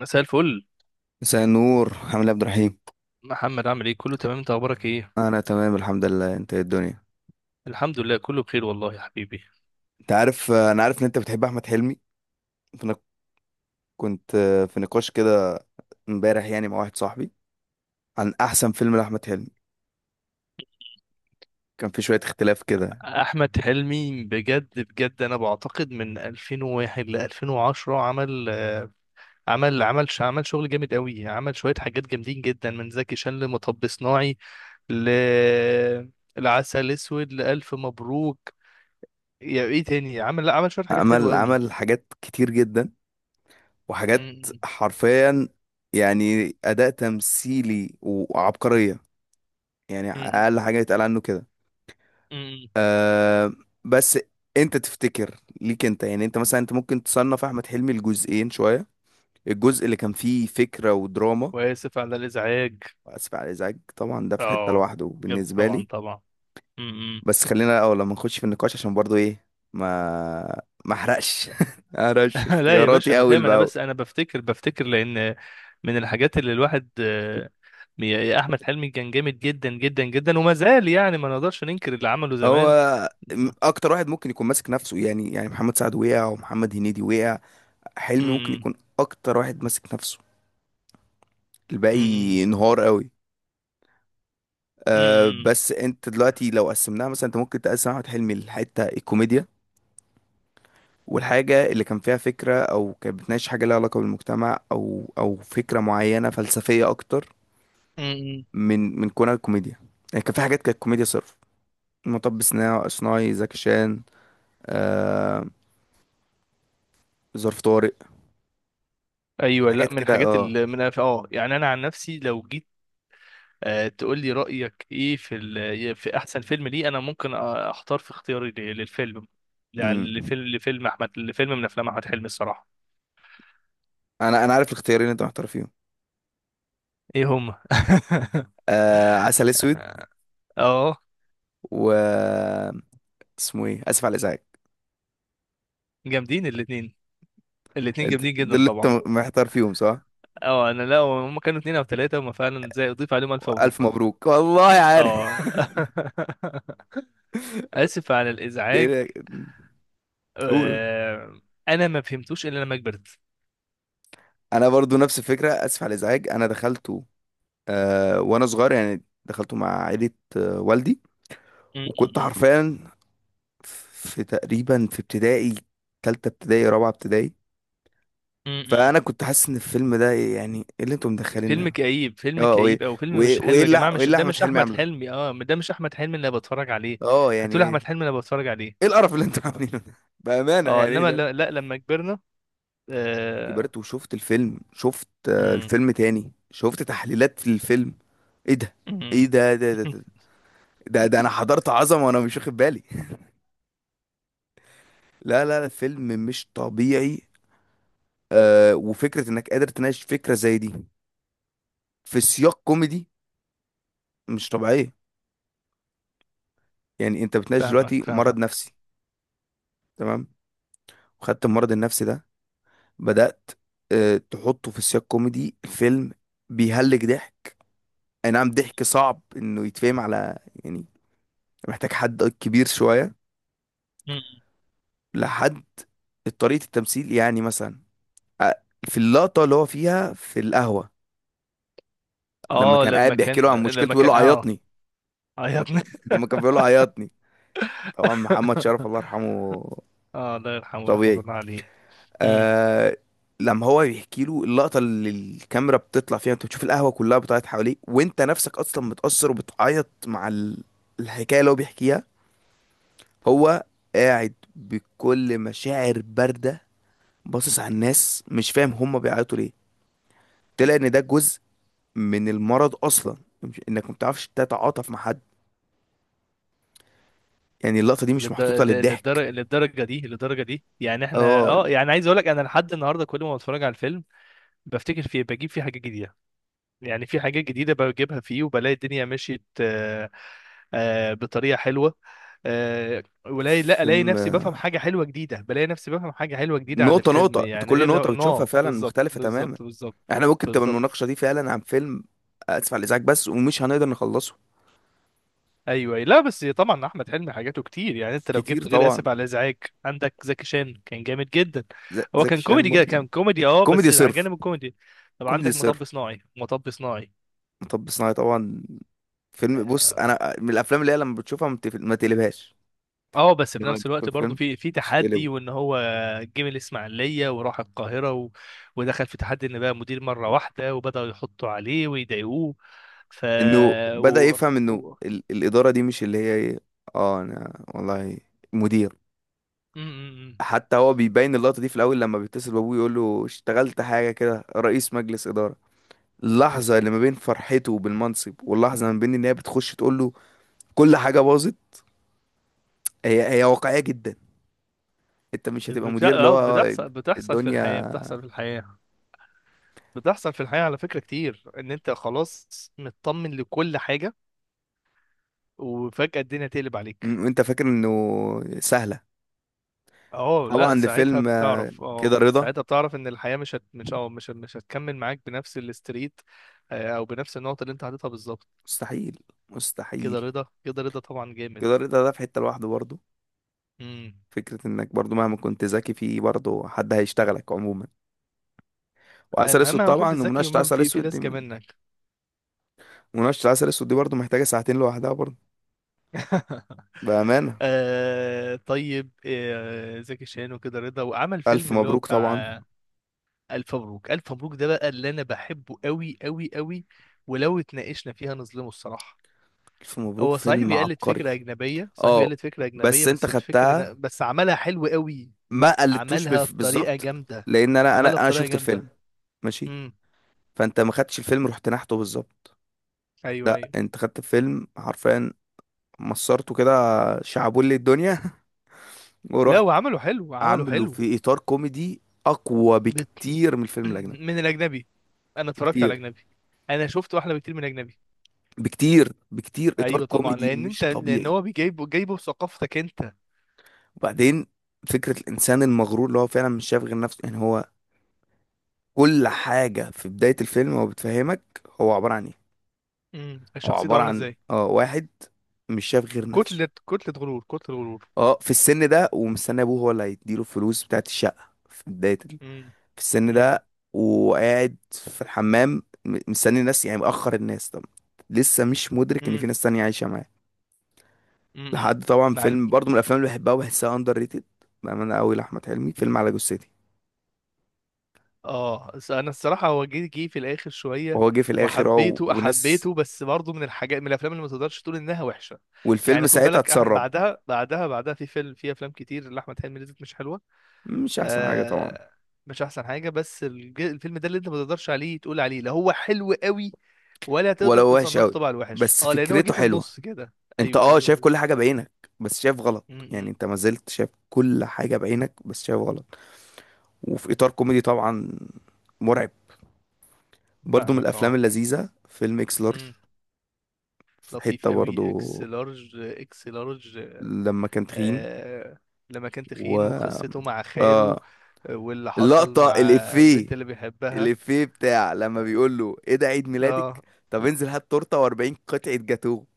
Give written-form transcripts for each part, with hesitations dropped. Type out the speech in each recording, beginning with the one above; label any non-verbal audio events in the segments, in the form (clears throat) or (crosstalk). مساء الفل. مساء النور، عامل ايه يا عبد الرحيم؟ محمد عامل ايه؟ كله تمام، انت اخبارك ايه؟ انا تمام الحمد لله. انت ايه الدنيا؟ الحمد لله كله بخير والله يا حبيبي. انت عارف انا عارف ان انت بتحب احمد حلمي، فانا كنت في نقاش كده امبارح يعني مع واحد صاحبي عن احسن فيلم لاحمد حلمي. كان في شوية اختلاف كده. احمد حلمي بجد بجد انا بعتقد من 2001 ل 2010 عمل عمل شغل جامد قوي، عمل شويه حاجات جامدين جدا، من زكي شان لمطب صناعي ل العسل اسود لالف مبروك، يا ايه تاني عمل؟ لا عمل شويه حاجات حلوه عمل قوي. عمل حاجات كتير جدا، م- وحاجات م- حرفيا، يعني اداء تمثيلي وعبقرية، يعني م- اقل حاجة يتقال عنه كده. م- م. أه بس انت تفتكر ليك انت يعني انت مثلا انت ممكن تصنف احمد حلمي لجزئين شوية: الجزء اللي كان فيه فكرة ودراما، واسف على الازعاج، وأسف على الإزعاج طبعا ده في حتة اه لوحده جامد بالنسبة طبعا، لي. طبعا. بس خلينا الأول لما نخش في النقاش عشان برضو إيه، ما أحرقش (laughs) ما أحرقش (laughs) لا يا باشا اختياراتي انا أول فاهم، انا بأول. بس انا بفتكر لان من الحاجات اللي الواحد، يا احمد حلمي كان جامد جدا جدا جدا، وما زال يعني ما نقدرش ننكر اللي عمله هو زمان. م- أكتر واحد ممكن يكون ماسك نفسه، يعني محمد سعد وقع، ومحمد هنيدي وقع، حلمي ممكن م- يكون أكتر واحد ماسك نفسه، م- م- الباقي انهار قوي. م- بس انت دلوقتي لو قسمناها مثلا، انت ممكن تقسم احمد حلمي لحته الكوميديا، والحاجة اللي كان فيها فكرة أو كانت بتناقش حاجة ليها علاقة بالمجتمع أو فكرة معينة فلسفية أكتر م. من كونها كوميديا. يعني كان في حاجات كانت كوميديا صرف، مطب صناعي، زكي شان، آه ظرف طارق، ايوه، لا حاجات من كده الحاجات اللي من اه يعني انا عن نفسي لو جيت، تقول لي رايك ايه في احسن فيلم ليه؟ انا ممكن اختار في اختياري للفيلم يعني، امم لفيلم من افلام احمد حلمي الصراحه. أنا عارف الاختيارين اللي أنت محتار فيهم، ايه هما؟ عسل أسود، (laughs) اه و اسمه إيه، آسف على الإزعاج. جامدين الاثنين، الاثنين أنت جامدين دول جدا اللي أنت طبعا. محتار فيهم، صح؟ اه انا لا، هم كانوا اثنين او ثلاثه، هم فعلا زي اضيف عليهم الف ألف مبروك. مبروك، والله عارف. اه (laughs) (laughs) اسف على ده إيه الازعاج، ده؟ قول. آه، انا ما فهمتوش الا لما كبرت. انا برضو نفس الفكره، اسف على الازعاج انا دخلته وانا صغير يعني، دخلته مع عائله، والدي، م- وكنت م- حرفيا في ابتدائي، تالتة ابتدائي، رابعة ابتدائي، م- م- فانا كنت حاسس ان الفيلم ده إيه، يعني ايه اللي انتوا م. فيلم مدخلينها؟ كئيب، فيلم اه وايه كئيب او فيلم وايه مش وايه حلو يا اللي جماعه، وايه مش اللي ده احمد مش حلمي احمد عامله؟ حلمي، اه ده مش احمد حلمي اللي أنا بتفرج عليه. اه يعني هتقول احمد ايه؟ حلمي اللي أنا بتفرج ايه عليه؟ القرف اللي انتوا عاملينه ده؟ (laughs) بامانه، اه يعني إيه انما ده؟ لا لما كبرنا، آه... كبرت وشفت الفيلم، شفت آه م- الفيلم تاني، شفت تحليلات في الفيلم، ايه ده؟ ايه م- ده؟ ده ده، (laughs) ده. ده ده انا حضرت عظمه وانا مش واخد بالي. (laughs) لا لا لا، فيلم مش طبيعي، وفكره انك قادر تناقش فكره زي دي في سياق كوميدي مش طبيعيه. يعني انت بتناقش فاهمك دلوقتي مرض فاهمك نفسي، تمام، وخدت المرض النفسي ده، بدات تحطه في سياق كوميدي، فيلم بيهلك ضحك، اي نعم، ضحك صعب انه يتفهم، على يعني محتاج حد كبير شويه لحد طريقه التمثيل، يعني مثلا آه، في اللقطه اللي هو فيها في القهوه، لما اه كان لما قاعد كان بيحكي له عن مشكلته، لما بيقول كان له اه عيطني. اه يا لما ك- ابني. لما كان بيقول له عيطني، طبعا محمد شرف الله (laughs) يرحمه. اه الله يرحمه طبيعي. رحمة الله عليه. امم، آه لما هو بيحكي له، اللقطه اللي الكاميرا بتطلع فيها انت بتشوف القهوه كلها بتعيط حواليك، وانت نفسك اصلا متاثر وبتعيط مع الحكايه اللي هو بيحكيها، هو قاعد بكل مشاعر بارده، باصص على الناس مش فاهم هم بيعيطوا ليه. طلع ان ده جزء من المرض اصلا انك ما بتعرفش تتعاطف مع حد، يعني اللقطه دي مش محطوطه للضحك. للدرجة، للدرجة دي، للدرجة دي يعني احنا اه اه يعني عايز اقول لك انا لحد النهاردة كل ما بتفرج على الفيلم بفتكر فيه، بجيب فيه حاجات جديدة، يعني في حاجات جديدة بجيبها فيه، وبلاقي الدنيا مشيت بطريقة حلوة، آه، ولاقي لا الاقي فيلم نفسي بفهم حاجة حلوة جديدة، عن نقطة الفيلم نقطة، انت يعني. كل غير ده نقطة بتشوفها نو فعلا بالظبط مختلفة تماما. بالظبط بالظبط احنا ممكن تبقى بالظبط. المناقشة دي فعلا عن فيلم اسف على الازعاج بس، ومش هنقدر نخلصه. ايوه أيوة. لا بس طبعا احمد حلمي حاجاته كتير، يعني انت لو كتير جبت غير طبعا. اسف على الازعاج، عندك زكي شان كان جامد جدا، هو زكي كان شان كوميدي جدا، برضه كان كوميدي اه كوميدي بس على صرف، جانب الكوميدي. طب كوميدي عندك صرف، مطب صناعي، مطب صناعي مطب صناعي طبعا. فيلم، بص، انا من الافلام اللي هي لما بتشوفها ما ما تقلبهاش، اه بس في لو نفس انت في الوقت برضه الفيلم في مش تقلبه. تحدي وان هو جه من الاسماعيليه وراح القاهره ودخل في تحدي ان بقى مدير مره واحده وبداوا يحطوا عليه ويضايقوه، ف انه بدأ و... يفهم انه و... الإدارة دي مش اللي هي ايه، اه انا والله مدير. م. حتى هو بيبين اللقطة دي في الأول لما بيتصل بأبوه يقول له اشتغلت حاجة كده رئيس مجلس إدارة، اللحظة اللي ما بين فرحته بالمنصب واللحظة ما بين إن هي بتخش تقول له كل حاجة باظت، هي واقعية جدا. أنت مش هتبقى مدير، اللي هو بتحصل، بتحصل في الحياه، الدنيا، بتحصل في الحياه، بتحصل في الحياة على فكرة كتير ان انت خلاص مطمن لكل حاجة وفجأة الدنيا تقلب عليك. أنت فاكر إنه سهلة؟ اه طبعا لا ساعتها لفيلم بتعرف، اه كده رضا. ساعتها بتعرف ان الحياة مش هت... مش اه مش مش هتكمل معاك بنفس الاستريت، او بنفس النقطة اللي انت حاططها بالظبط. مستحيل، كده مستحيل. رضا، كده رضا طبعا جامد. كده رضا ده في حتة لوحده برضه، امم، فكرة إنك برضه مهما كنت ذكي فيه برضه حد هيشتغلك عموما. وعسل أسود مهما كنت طبعا، ذكي ومناقشة ومهما عسل في أسود دي، لازكة منك. مناقشة العسل الأسود دي برضه محتاجة ساعتين لوحدها برضه، (laughs) بأمانة. آه طيب، آه زكي شان وكده رضا، وعمل ألف فيلم اللي هو مبروك طبعا. بتاع الف مبروك، الف مبروك ده بقى اللي انا بحبه قوي قوي قوي، ولو اتناقشنا فيها نظلمه الصراحه. ألف مبروك هو صحيح فيلم بيقلد عبقري. فكره اجنبيه، صحيح اه بيقلد فكره اجنبيه، بس أنت بس الفكره أنا خدتها، بس عملها حلو قوي، ما قلدتوش عملها بطريقه بالظبط. جامده، لأن أنا أنا عملها أنا بطريقه شفت جامده. الفيلم، ماشي، امم. فأنت ما خدتش الفيلم رحت نحته بالظبط. ايوه. لا، أنت خدت الفيلم حرفيا، مصرته كده، شعبولي الدنيا، (laughs) لا ورحت وعمله حلو، عمله عامله حلو. في إطار كوميدي أقوى بت... بكتير من (clears throat) الفيلم الأجنبي. من الاجنبي، انا اتفرجت بكتير، على اجنبي، انا شفت واحلى بكتير من اجنبي. بكتير، بكتير، إطار ايوه طبعا، كوميدي لان انت مش لان طبيعي. هو جايبه بثقافتك انت. وبعدين فكرة الإنسان المغرور اللي هو فعلا مش شايف غير نفسه، يعني هو كل حاجة في بداية الفيلم هو بتفهمك هو عبارة عن إيه. امم، هو الشخصيه دي عبارة عامله عن ازاي؟ واحد مش شايف غير نفسه، كتله، كتله غرور، كتله غرور. اه في السن ده، ومستني أبوه هو اللي هيديله الفلوس بتاعت الشقة في بداية امم في السن امم ده، وقاعد في الحمام مستني الناس، يعني مأخر الناس، طب، لسه مش مدرك إن امم في ناس تانية عايشة معاه. امم امم. لحد، طبعا عند، فيلم برضه من الأفلام اللي بحبها وبحسها أندر ريتد بأمانة أوي لأحمد حلمي، فيلم على جثتي. انا الصراحه هو جه في الاخر شويه، وهو جه في الاخر اهو، وحبيته، وناس، حبيته، بس برضه من الحاجات، من الافلام اللي ما تقدرش تقول انها وحشه. والفيلم يعني خد ساعتها بالك أحمد اتسرب، بعدها، بعدها، بعدها في فيلم، في افلام كتير لاحمد حلمي نزلت مش حلوه. مش احسن حاجه طبعا، آه مش احسن حاجه، بس الفيلم ده اللي انت ما تقدرش عليه تقول عليه لا، هو حلو قوي، ولا تقدر ولو وحش تصنفه قوي، طبعا وحش، بس اه لان هو جه فكرته في حلوه. النص كده. انت شايف ايوه. كل حاجه بعينك بس شايف غلط، يعني امم انت ما زلت شايف كل حاجه بعينك بس شايف غلط. وفي اطار كوميدي طبعا، مرعب. برضو من فاهمك الافلام اه. اللذيذه فيلم اكس لارج، م. في حته لطيف قوي اكس برضو لارج، اكس لارج. لما كان تخين، آه لما كان و تخين وقصته مع خاله، اه واللي حصل اللقطه مع الافيه البنت اللي بيحبها. الافيه بتاع لما بيقول له ايه ده عيد ميلادك؟ اه طب انزل هات تورته و40 قطعه جاتوه،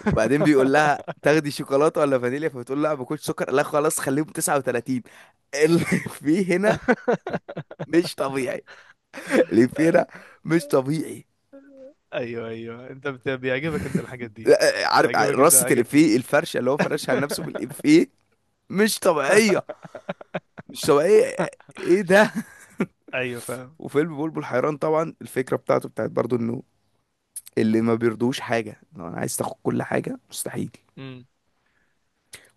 وبعدين بيقول لها تاخدي شوكولاته ولا فانيليا، فبتقول لا باكلش سكر، لا خلاص خليهم 39. اللي فيه (laughs) هنا مش طبيعي، اللي فيه هنا مش طبيعي. ايوه انت بيعجبك انت الحاجات دي، لا، عارف بيعجبك انت رصة الحاجات دي. الإفيه، الفرشة اللي هو فرشها على نفسه (laughs) بالإفيه، مش طبيعية، مش طبيعية، ايه ده؟ ايوه فاهم. (laughs) وفيلم بلبل حيران طبعا، الفكرة بتاعت برضو انه اللي ما بيرضوش حاجة، لو انا عايز تاخد كل حاجة مستحيل. امم،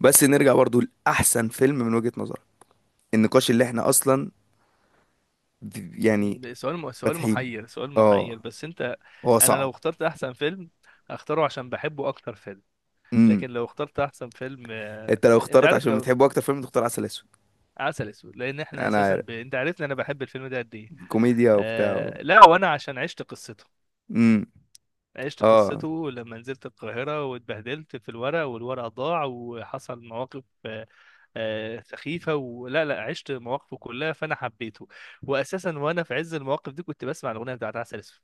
بس نرجع برضو لأحسن فيلم من وجهة نظرك، النقاش اللي احنا اصلا يعني ده سؤال فاتحينه. محير، سؤال اه محير بس انت، هو انا صعب. لو اخترت احسن فيلم هختاره عشان بحبه اكتر فيلم، امم لكن لو اخترت احسن فيلم، انت لو انت اخترت عارف عشان لو بتحبه اكتر فيلم، تختار عسل اسود. عسل اسود لان احنا انا اساسا عارف، انت عارفني انا بحب الفيلم ده قد ايه. كوميديا وبتاع. لا وانا عشان عشت قصته، امم عشت اه قصته لما نزلت القاهرة واتبهدلت في الورق، والورق ضاع، وحصل مواقف سخيفة، ولا لا عشت مواقفه كلها فأنا حبيته، وأساسا وأنا في عز المواقف دي كنت بسمع الأغنية بتاعت عسل أسود.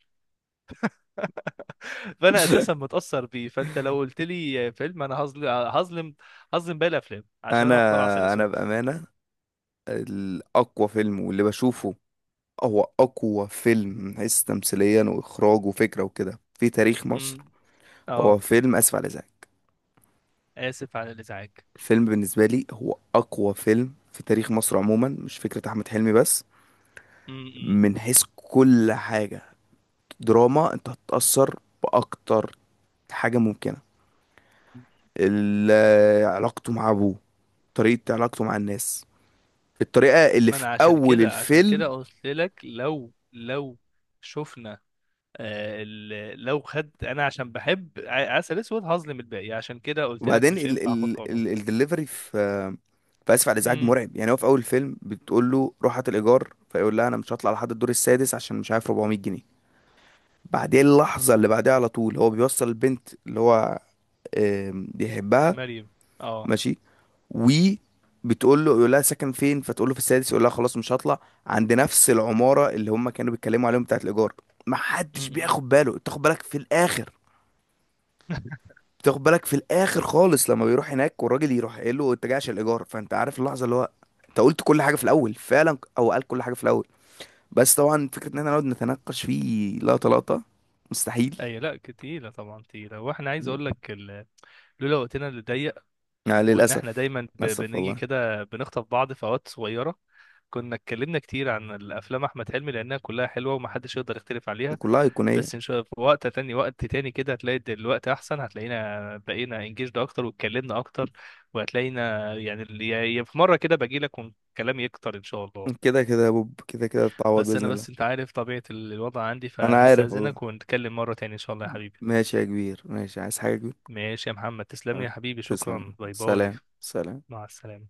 (laughs) فأنا أساسا (laughs) متأثر بيه، فأنت لو قلت لي فيلم أنا هظلم، هظلم، هظلم باقي الأفلام عشان أنا هختار عسل انا انا أسود. بامانه، الاقوى فيلم واللي بشوفه هو اقوى فيلم من حيث تمثيليا واخراج وفكره وكده في تاريخ مصر، امم هو أه، فيلم اسف على الازعاج. آسف على الفيلم بالنسبه لي هو اقوى فيلم في تاريخ مصر عموما، مش فكره احمد حلمي بس، الإزعاج. من حيث كل حاجه. دراما انت هتتاثر باكتر حاجة ممكنة، علاقته مع أبوه، طريقة علاقته مع الناس، الطريقة اللي ما في انا عشان أول كده، عشان الفيلم. كده قلت لك لو لو شفنا، آه لو خد انا عشان بحب عسل اسود هظلم الباقي، عشان كده قلت لك وبعدين مش ال هينفع اخد ال قرار. ال الدليفري في آسف على الإزعاج امم مرعب، يعني هو في أول الفيلم بتقول له روح هات الإيجار، فيقول لها أنا مش هطلع لحد الدور السادس عشان مش عارف 400 جنيه. بعدين اللحظة اللي بعدها على طول هو بيوصل البنت اللي هو بيحبها، مريم اه ماشي، و بتقول له، يقول لها ساكن فين؟ فتقول له في السادس، يقول لها خلاص مش هطلع، عند نفس العمارة اللي هم كانوا بيتكلموا عليهم بتاعت الإيجار. ما حدش امم. بياخد باله، بتاخد بالك في الآخر، (laughs) بتاخد بالك في الآخر خالص لما بيروح هناك والراجل يروح قايل له انت جاي عشان الإيجار، فانت عارف اللحظة اللي هو، انت قلت كل حاجة في الأول فعلا، او قال كل حاجة في الأول. بس طبعا فكرة ان احنا نقعد نتناقش فيه لقطة لقطة مستحيل، اي لا تقيله طبعا تقيله، واحنا عايز اقول لك لولا وقتنا اللي ضيق، يعني وان احنا للأسف. دايما للأسف بنيجي والله. كده بنخطف بعض في اوقات صغيره، كنا اتكلمنا كتير عن الافلام احمد حلمي لانها كلها حلوه ومحدش يقدر يختلف عليها. كلها أيقونية. بس ان شاء الله في وقت تاني، وقت تاني كده هتلاقي الوقت احسن، هتلاقينا بقينا انجيجد اكتر واتكلمنا اكتر، وهتلاقينا يعني يعني في مره كده باجي لك والكلام يكتر ان شاء الله. كده كده يا بوب، كده كده تتعوض بس انا بإذن بس انت الله. عارف طبيعه الوضع عندي، أنا عارف والله. فهستاذنك ونتكلم مره تاني ان شاء الله يا حبيبي. ماشي يا كبير، ماشي، عايز حاجة يا كبير؟ ماشي يا محمد، تسلم لي يا حبيبي، تسلم. شكرا، باي باي، سلام، سلام. مع السلامه.